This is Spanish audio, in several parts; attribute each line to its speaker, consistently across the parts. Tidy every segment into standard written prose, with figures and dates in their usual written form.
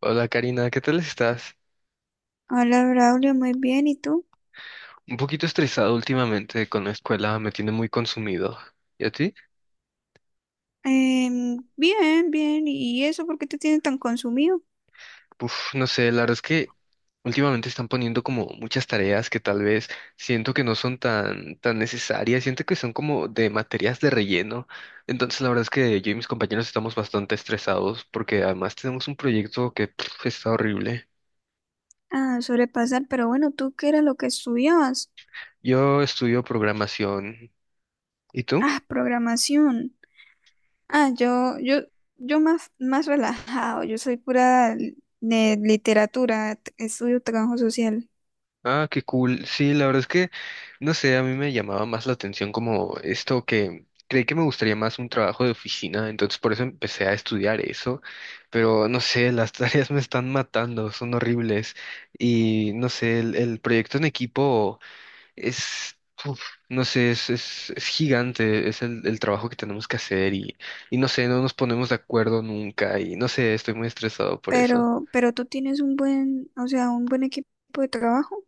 Speaker 1: Hola Karina, ¿qué tal estás?
Speaker 2: Hola Braulio, muy bien. ¿Y tú?
Speaker 1: Un poquito estresado últimamente con la escuela, me tiene muy consumido. ¿Y a ti?
Speaker 2: Bien, bien. ¿Y eso por qué te tiene tan consumido?
Speaker 1: Uf, no sé, la verdad es que últimamente están poniendo como muchas tareas que tal vez siento que no son tan necesarias, siento que son como de materias de relleno. Entonces la verdad es que yo y mis compañeros estamos bastante estresados porque además tenemos un proyecto que pf, está horrible.
Speaker 2: Ah, sobrepasar, pero bueno, ¿tú qué era lo que estudiabas?
Speaker 1: Yo estudio programación. ¿Y tú?
Speaker 2: Ah, programación. Ah, yo más relajado. Yo soy pura de literatura, estudio trabajo social.
Speaker 1: Ah, qué cool. Sí, la verdad es que, no sé, a mí me llamaba más la atención como esto que creí que me gustaría más un trabajo de oficina, entonces por eso empecé a estudiar eso, pero no sé, las tareas me están matando, son horribles y no sé, el proyecto en equipo es, uf, no sé, es, es gigante, es el trabajo que tenemos que hacer y no sé, no nos ponemos de acuerdo nunca y no sé, estoy muy estresado por eso.
Speaker 2: Pero tú tienes un buen, o sea, un buen equipo de trabajo.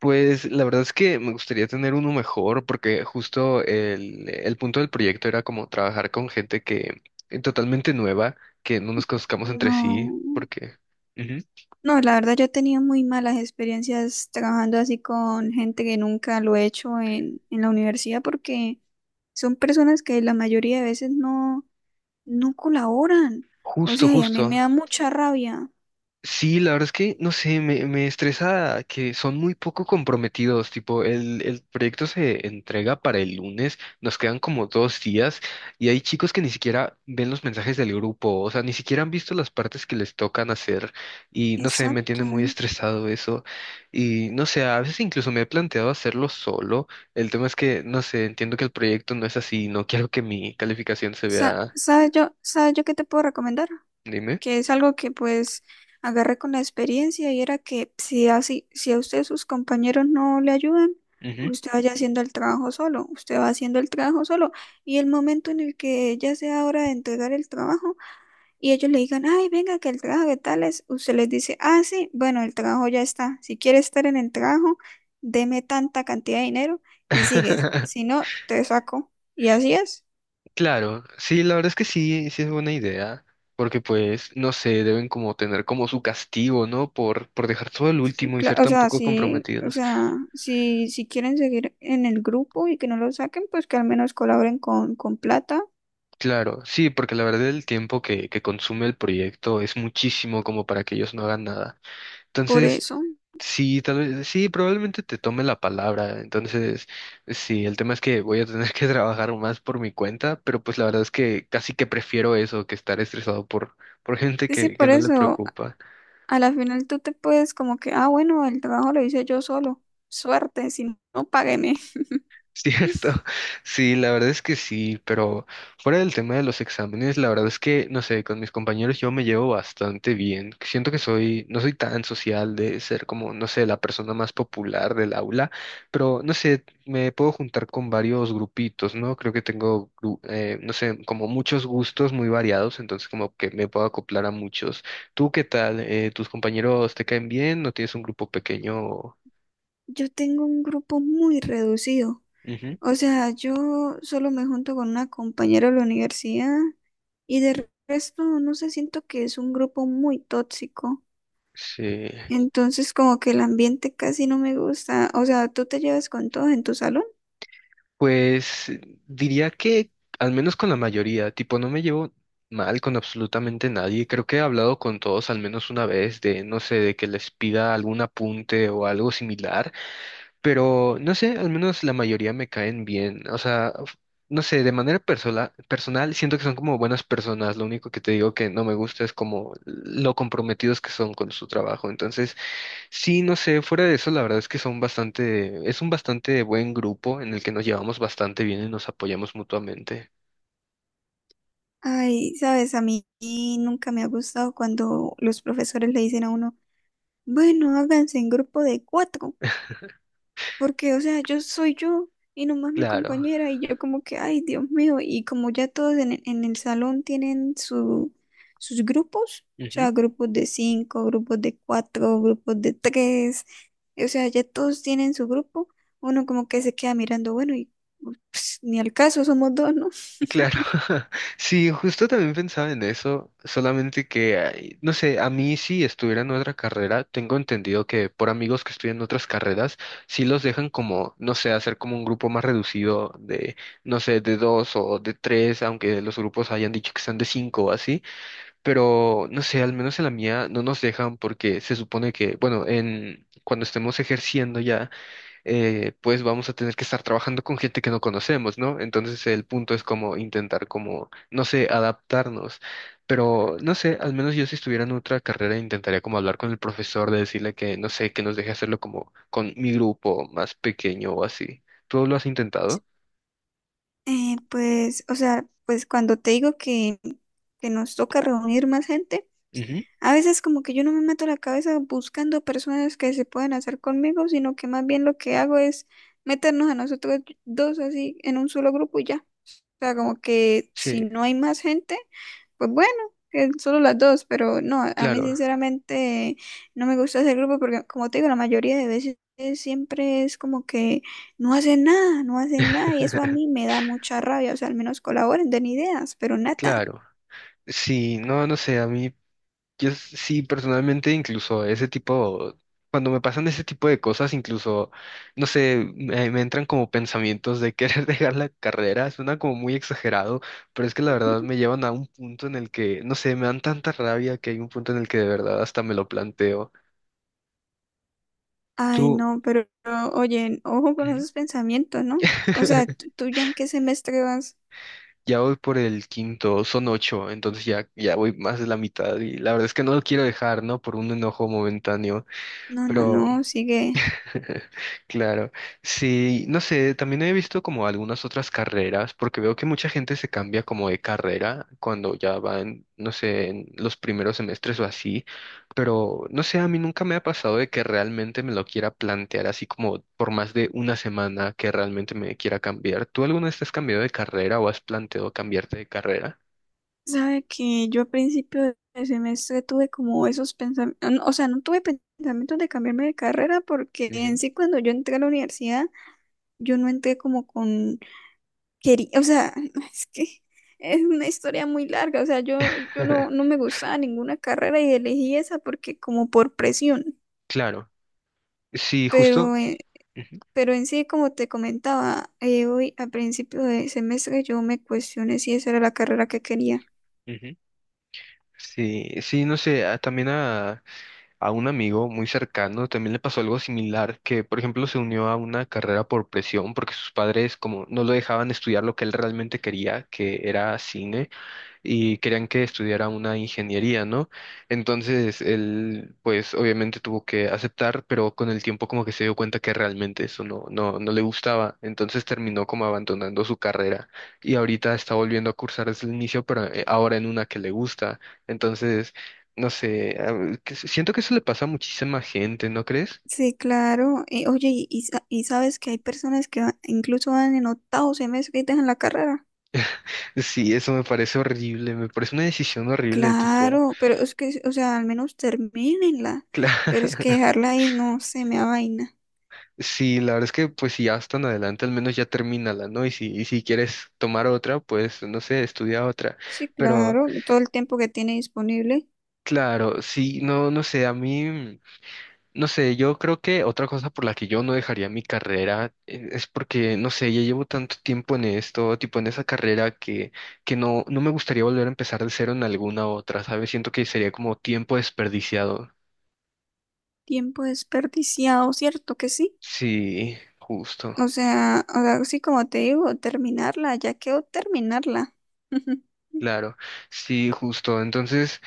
Speaker 1: Pues la verdad es que me gustaría tener uno mejor porque justo el punto del proyecto era como trabajar con gente que totalmente nueva, que no nos conozcamos entre sí,
Speaker 2: No.
Speaker 1: porque... Ujú.
Speaker 2: No, la verdad yo he tenido muy malas experiencias trabajando así con gente que nunca lo he hecho en la universidad porque son personas que la mayoría de veces no colaboran. O
Speaker 1: Justo,
Speaker 2: sea, y a mí
Speaker 1: justo.
Speaker 2: me da mucha rabia.
Speaker 1: Sí, la verdad es que, no sé, me estresa que son muy poco comprometidos, tipo, el proyecto se entrega para el lunes, nos quedan como dos días y hay chicos que ni siquiera ven los mensajes del grupo, o sea, ni siquiera han visto las partes que les tocan hacer y, no sé, me tiene
Speaker 2: Exacto.
Speaker 1: muy estresado eso y, no sé, a veces incluso me he planteado hacerlo solo, el tema es que, no sé, entiendo que el proyecto no es así, no quiero que mi calificación se
Speaker 2: Sa-
Speaker 1: vea...
Speaker 2: ¿sabes yo, sabes yo qué te puedo recomendar?
Speaker 1: Dime.
Speaker 2: Que es algo que pues agarré con la experiencia y era que si así, si a usted sus compañeros no le ayudan,
Speaker 1: Ujú.
Speaker 2: usted vaya haciendo el trabajo solo, usted va haciendo el trabajo solo y el momento en el que ya sea hora de entregar el trabajo y ellos le digan, ay, venga, que el trabajo de tales, usted les dice, ah, sí, bueno, el trabajo ya está, si quiere estar en el trabajo, deme tanta cantidad de dinero y sigues, si no, te saco. Y así es.
Speaker 1: Claro, sí, la verdad es que sí, sí es buena idea, porque pues, no sé, deben como tener como su castigo, ¿no? Por dejar todo el
Speaker 2: Sí,
Speaker 1: último y ser
Speaker 2: claro, o
Speaker 1: tan
Speaker 2: sea,
Speaker 1: poco
Speaker 2: sí, o
Speaker 1: comprometidos.
Speaker 2: sea, si quieren seguir en el grupo y que no lo saquen, pues que al menos colaboren con plata,
Speaker 1: Claro, sí, porque la verdad el tiempo que consume el proyecto es muchísimo como para que ellos no hagan nada.
Speaker 2: por
Speaker 1: Entonces,
Speaker 2: eso.
Speaker 1: sí, tal vez, sí, probablemente te tome la palabra. Entonces, sí, el tema es que voy a tener que trabajar más por mi cuenta, pero pues la verdad es que casi que prefiero eso que estar estresado por gente
Speaker 2: Sí, sí,
Speaker 1: que
Speaker 2: por
Speaker 1: no le
Speaker 2: eso,
Speaker 1: preocupa.
Speaker 2: a la final tú te puedes como que, ah, bueno, el trabajo lo hice yo solo, suerte, si no, págueme.
Speaker 1: Cierto, sí, la verdad es que sí, pero fuera del tema de los exámenes, la verdad es que, no sé, con mis compañeros yo me llevo bastante bien. Siento que soy, no soy tan social de ser como, no sé, la persona más popular del aula, pero no sé, me puedo juntar con varios grupitos, ¿no? Creo que tengo, gru- no sé, como muchos gustos muy variados, entonces como que me puedo acoplar a muchos. ¿Tú qué tal? ¿Tus compañeros te caen bien? ¿No tienes un grupo pequeño?
Speaker 2: Yo tengo un grupo muy reducido,
Speaker 1: Ujú.
Speaker 2: o sea, yo solo me junto con una compañera de la universidad y de resto, no sé, siento que es un grupo muy tóxico.
Speaker 1: Sí.
Speaker 2: Entonces como que el ambiente casi no me gusta. O sea, ¿tú te llevas con todo en tu salón?
Speaker 1: Pues diría que al menos con la mayoría, tipo, no me llevo mal con absolutamente nadie. Creo que he hablado con todos al menos una vez de, no sé, de que les pida algún apunte o algo similar, pero no sé, al menos la mayoría me caen bien. O sea, f- no sé, de manera personal, personal siento que son como buenas personas. Lo único que te digo que no me gusta es como lo comprometidos que son con su trabajo. Entonces, sí, no sé, fuera de eso, la verdad es que son bastante, es un bastante buen grupo en el que nos llevamos bastante bien y nos apoyamos mutuamente.
Speaker 2: Ay, sabes, a mí nunca me ha gustado cuando los profesores le dicen a uno, bueno, háganse en grupo de cuatro. Porque, o sea, yo soy yo y nomás mi
Speaker 1: Claro.
Speaker 2: compañera y yo como que, ay, Dios mío, y como ya todos en el salón tienen sus grupos, o
Speaker 1: Ujú.
Speaker 2: sea, grupos de cinco, grupos de cuatro, grupos de tres, o sea, ya todos tienen su grupo, uno como que se queda mirando, bueno, y pues, ni al caso, somos dos, ¿no?
Speaker 1: Claro. Sí, justo también pensaba en eso, solamente que, ay, no sé, a mí si estuviera en otra carrera, tengo entendido que por amigos que estudian otras carreras, sí los dejan como, no sé, hacer como un grupo más reducido de, no sé, de dos o de tres, aunque los grupos hayan dicho que sean de cinco o así. Pero no sé, al menos en la mía no nos dejan porque se supone que, bueno, en cuando estemos ejerciendo ya, pues vamos a tener que estar trabajando con gente que no conocemos, ¿no? Entonces el punto es como intentar como, no sé, adaptarnos. Pero no sé, al menos yo si estuviera en otra carrera intentaría como hablar con el profesor de decirle que, no sé, que nos deje hacerlo como con mi grupo más pequeño o así. ¿Tú lo has intentado?
Speaker 2: Pues, o sea, pues cuando te digo que nos toca reunir más gente.
Speaker 1: Ujú.
Speaker 2: A veces como que yo no me meto la cabeza buscando personas que se puedan hacer conmigo, sino que más bien lo que hago es meternos a nosotros dos así en un solo grupo y ya. O sea, como que si
Speaker 1: Sí,
Speaker 2: no hay más gente, pues bueno, que solo las dos, pero no, a mí
Speaker 1: claro,
Speaker 2: sinceramente no me gusta ese grupo porque como te digo, la mayoría de veces siempre es como que no hacen nada, no hacen nada y eso a mí me da mucha rabia, o sea, al menos colaboren, den ideas, pero nada.
Speaker 1: claro. Sí, no, no sé, a mí... Sí, personalmente, incluso ese tipo, cuando me pasan ese tipo de cosas, incluso, no sé, me entran como pensamientos de querer dejar la carrera, suena como muy exagerado, pero es que la verdad me llevan a un punto en el que, no sé, me dan tanta rabia que hay un punto en el que de verdad hasta me lo planteo.
Speaker 2: Ay,
Speaker 1: Tú...
Speaker 2: no, pero, oye, ojo con
Speaker 1: Ujú.
Speaker 2: esos pensamientos, ¿no? O sea, ¿tú, tú ya en qué semestre vas?
Speaker 1: Ya voy por el quinto, son ocho, entonces ya, ya voy más de la mitad y la verdad es que no lo quiero dejar, ¿no? Por un enojo momentáneo,
Speaker 2: No, no,
Speaker 1: pero...
Speaker 2: no, sigue.
Speaker 1: Claro, sí, no sé, también he visto como algunas otras carreras, porque veo que mucha gente se cambia como de carrera cuando ya van, no sé, en los primeros semestres o así, pero no sé, a mí nunca me ha pasado de que realmente me lo quiera plantear así como por más de una semana que realmente me quiera cambiar. ¿Tú alguna vez te has cambiado de carrera o has planteado cambiarte de carrera?
Speaker 2: Sabe que yo a principio de semestre tuve como esos pensamientos, o sea, no tuve pensamientos de cambiarme de carrera porque
Speaker 1: Ujú.
Speaker 2: en sí cuando yo entré a la universidad, yo no entré como con quería, o sea, es que es una historia muy larga, o sea, yo no, no me gustaba ninguna carrera y elegí esa porque como por presión,
Speaker 1: Claro, sí,
Speaker 2: pero
Speaker 1: justo. Ujú,
Speaker 2: pero en sí, como te comentaba, hoy a principio de semestre yo me cuestioné si esa era la carrera que quería.
Speaker 1: ujú. Sí, sí, no sé, ah, también a un amigo muy cercano también le pasó algo similar, que por ejemplo se unió a una carrera por presión porque sus padres como no lo dejaban estudiar lo que él realmente quería, que era cine y querían que estudiara una ingeniería, ¿no? Entonces él, pues obviamente tuvo que aceptar, pero con el tiempo como que se dio cuenta que realmente eso no le gustaba, entonces terminó como abandonando su carrera y ahorita está volviendo a cursar desde el inicio, pero ahora en una que le gusta, entonces... No sé, siento que eso le pasa a muchísima gente, ¿no crees?
Speaker 2: Sí, claro. Oye, y y sabes que hay personas que incluso van en octavo semestre y dejan la carrera.
Speaker 1: Sí, eso me parece horrible, me parece una decisión horrible, tipo...
Speaker 2: Claro, pero es que, o sea, al menos termínenla. Pero es que
Speaker 1: Claro.
Speaker 2: dejarla ahí no se me da vaina.
Speaker 1: Sí, la verdad es que pues si ya vas tan adelante, al menos ya termínala, ¿no? Y si quieres tomar otra, pues no sé, estudia otra.
Speaker 2: Sí,
Speaker 1: Pero
Speaker 2: claro, todo el tiempo que tiene disponible,
Speaker 1: claro, sí, no, no sé, a mí, no sé, yo creo que otra cosa por la que yo no dejaría mi carrera es porque, no sé, ya llevo tanto tiempo en esto, tipo en esa carrera que no, no me gustaría volver a empezar de cero en alguna otra, ¿sabes? Siento que sería como tiempo desperdiciado.
Speaker 2: tiempo desperdiciado, ¿cierto que sí?
Speaker 1: Sí, justo.
Speaker 2: O sea, sí, como te digo, terminarla, ya quedó terminarla.
Speaker 1: Claro, sí, justo. Entonces,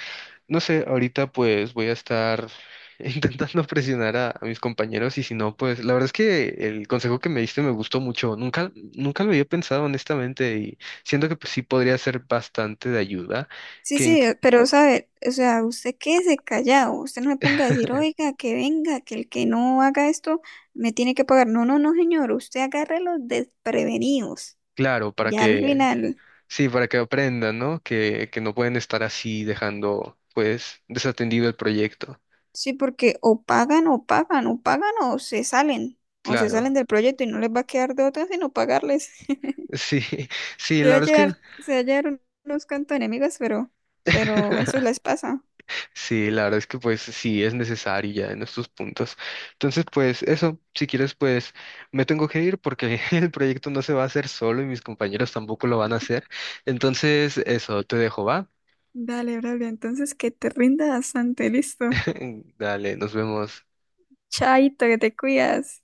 Speaker 1: no sé, ahorita pues voy a estar intentando presionar a mis compañeros y si no, pues la verdad es que el consejo que me diste me gustó mucho. Nunca, nunca lo había pensado honestamente y siento que pues, sí podría ser bastante de ayuda,
Speaker 2: Sí,
Speaker 1: que
Speaker 2: sí,
Speaker 1: inc-
Speaker 2: pero sabe, o sea, usted quédese callado, usted no se ponga a decir, oiga, que venga, que el que no haga esto me tiene que pagar. No, no, no, señor, usted agarre los desprevenidos,
Speaker 1: claro, para
Speaker 2: ya al
Speaker 1: que,
Speaker 2: final,
Speaker 1: sí, para que aprendan, ¿no? Que no pueden estar así dejando pues desatendido el proyecto.
Speaker 2: sí, porque o pagan o pagan, o pagan o se salen
Speaker 1: Claro,
Speaker 2: del proyecto y no les va a quedar de otra sino pagarles.
Speaker 1: sí, sí,
Speaker 2: Se
Speaker 1: la
Speaker 2: va a
Speaker 1: verdad es que...
Speaker 2: llevar, se va a llevar unos cantos enemigos, pero eso les pasa.
Speaker 1: Sí, la verdad es que pues sí es necesario ya en estos puntos. Entonces, pues eso, si quieres, pues me tengo que ir porque el proyecto no se va a hacer solo y mis compañeros tampoco lo van a hacer. Entonces, eso, te dejo, ¿va?
Speaker 2: Dale, Braulio, entonces que te rinda bastante, listo.
Speaker 1: Dale, nos vemos.
Speaker 2: Chaito, que te cuidas.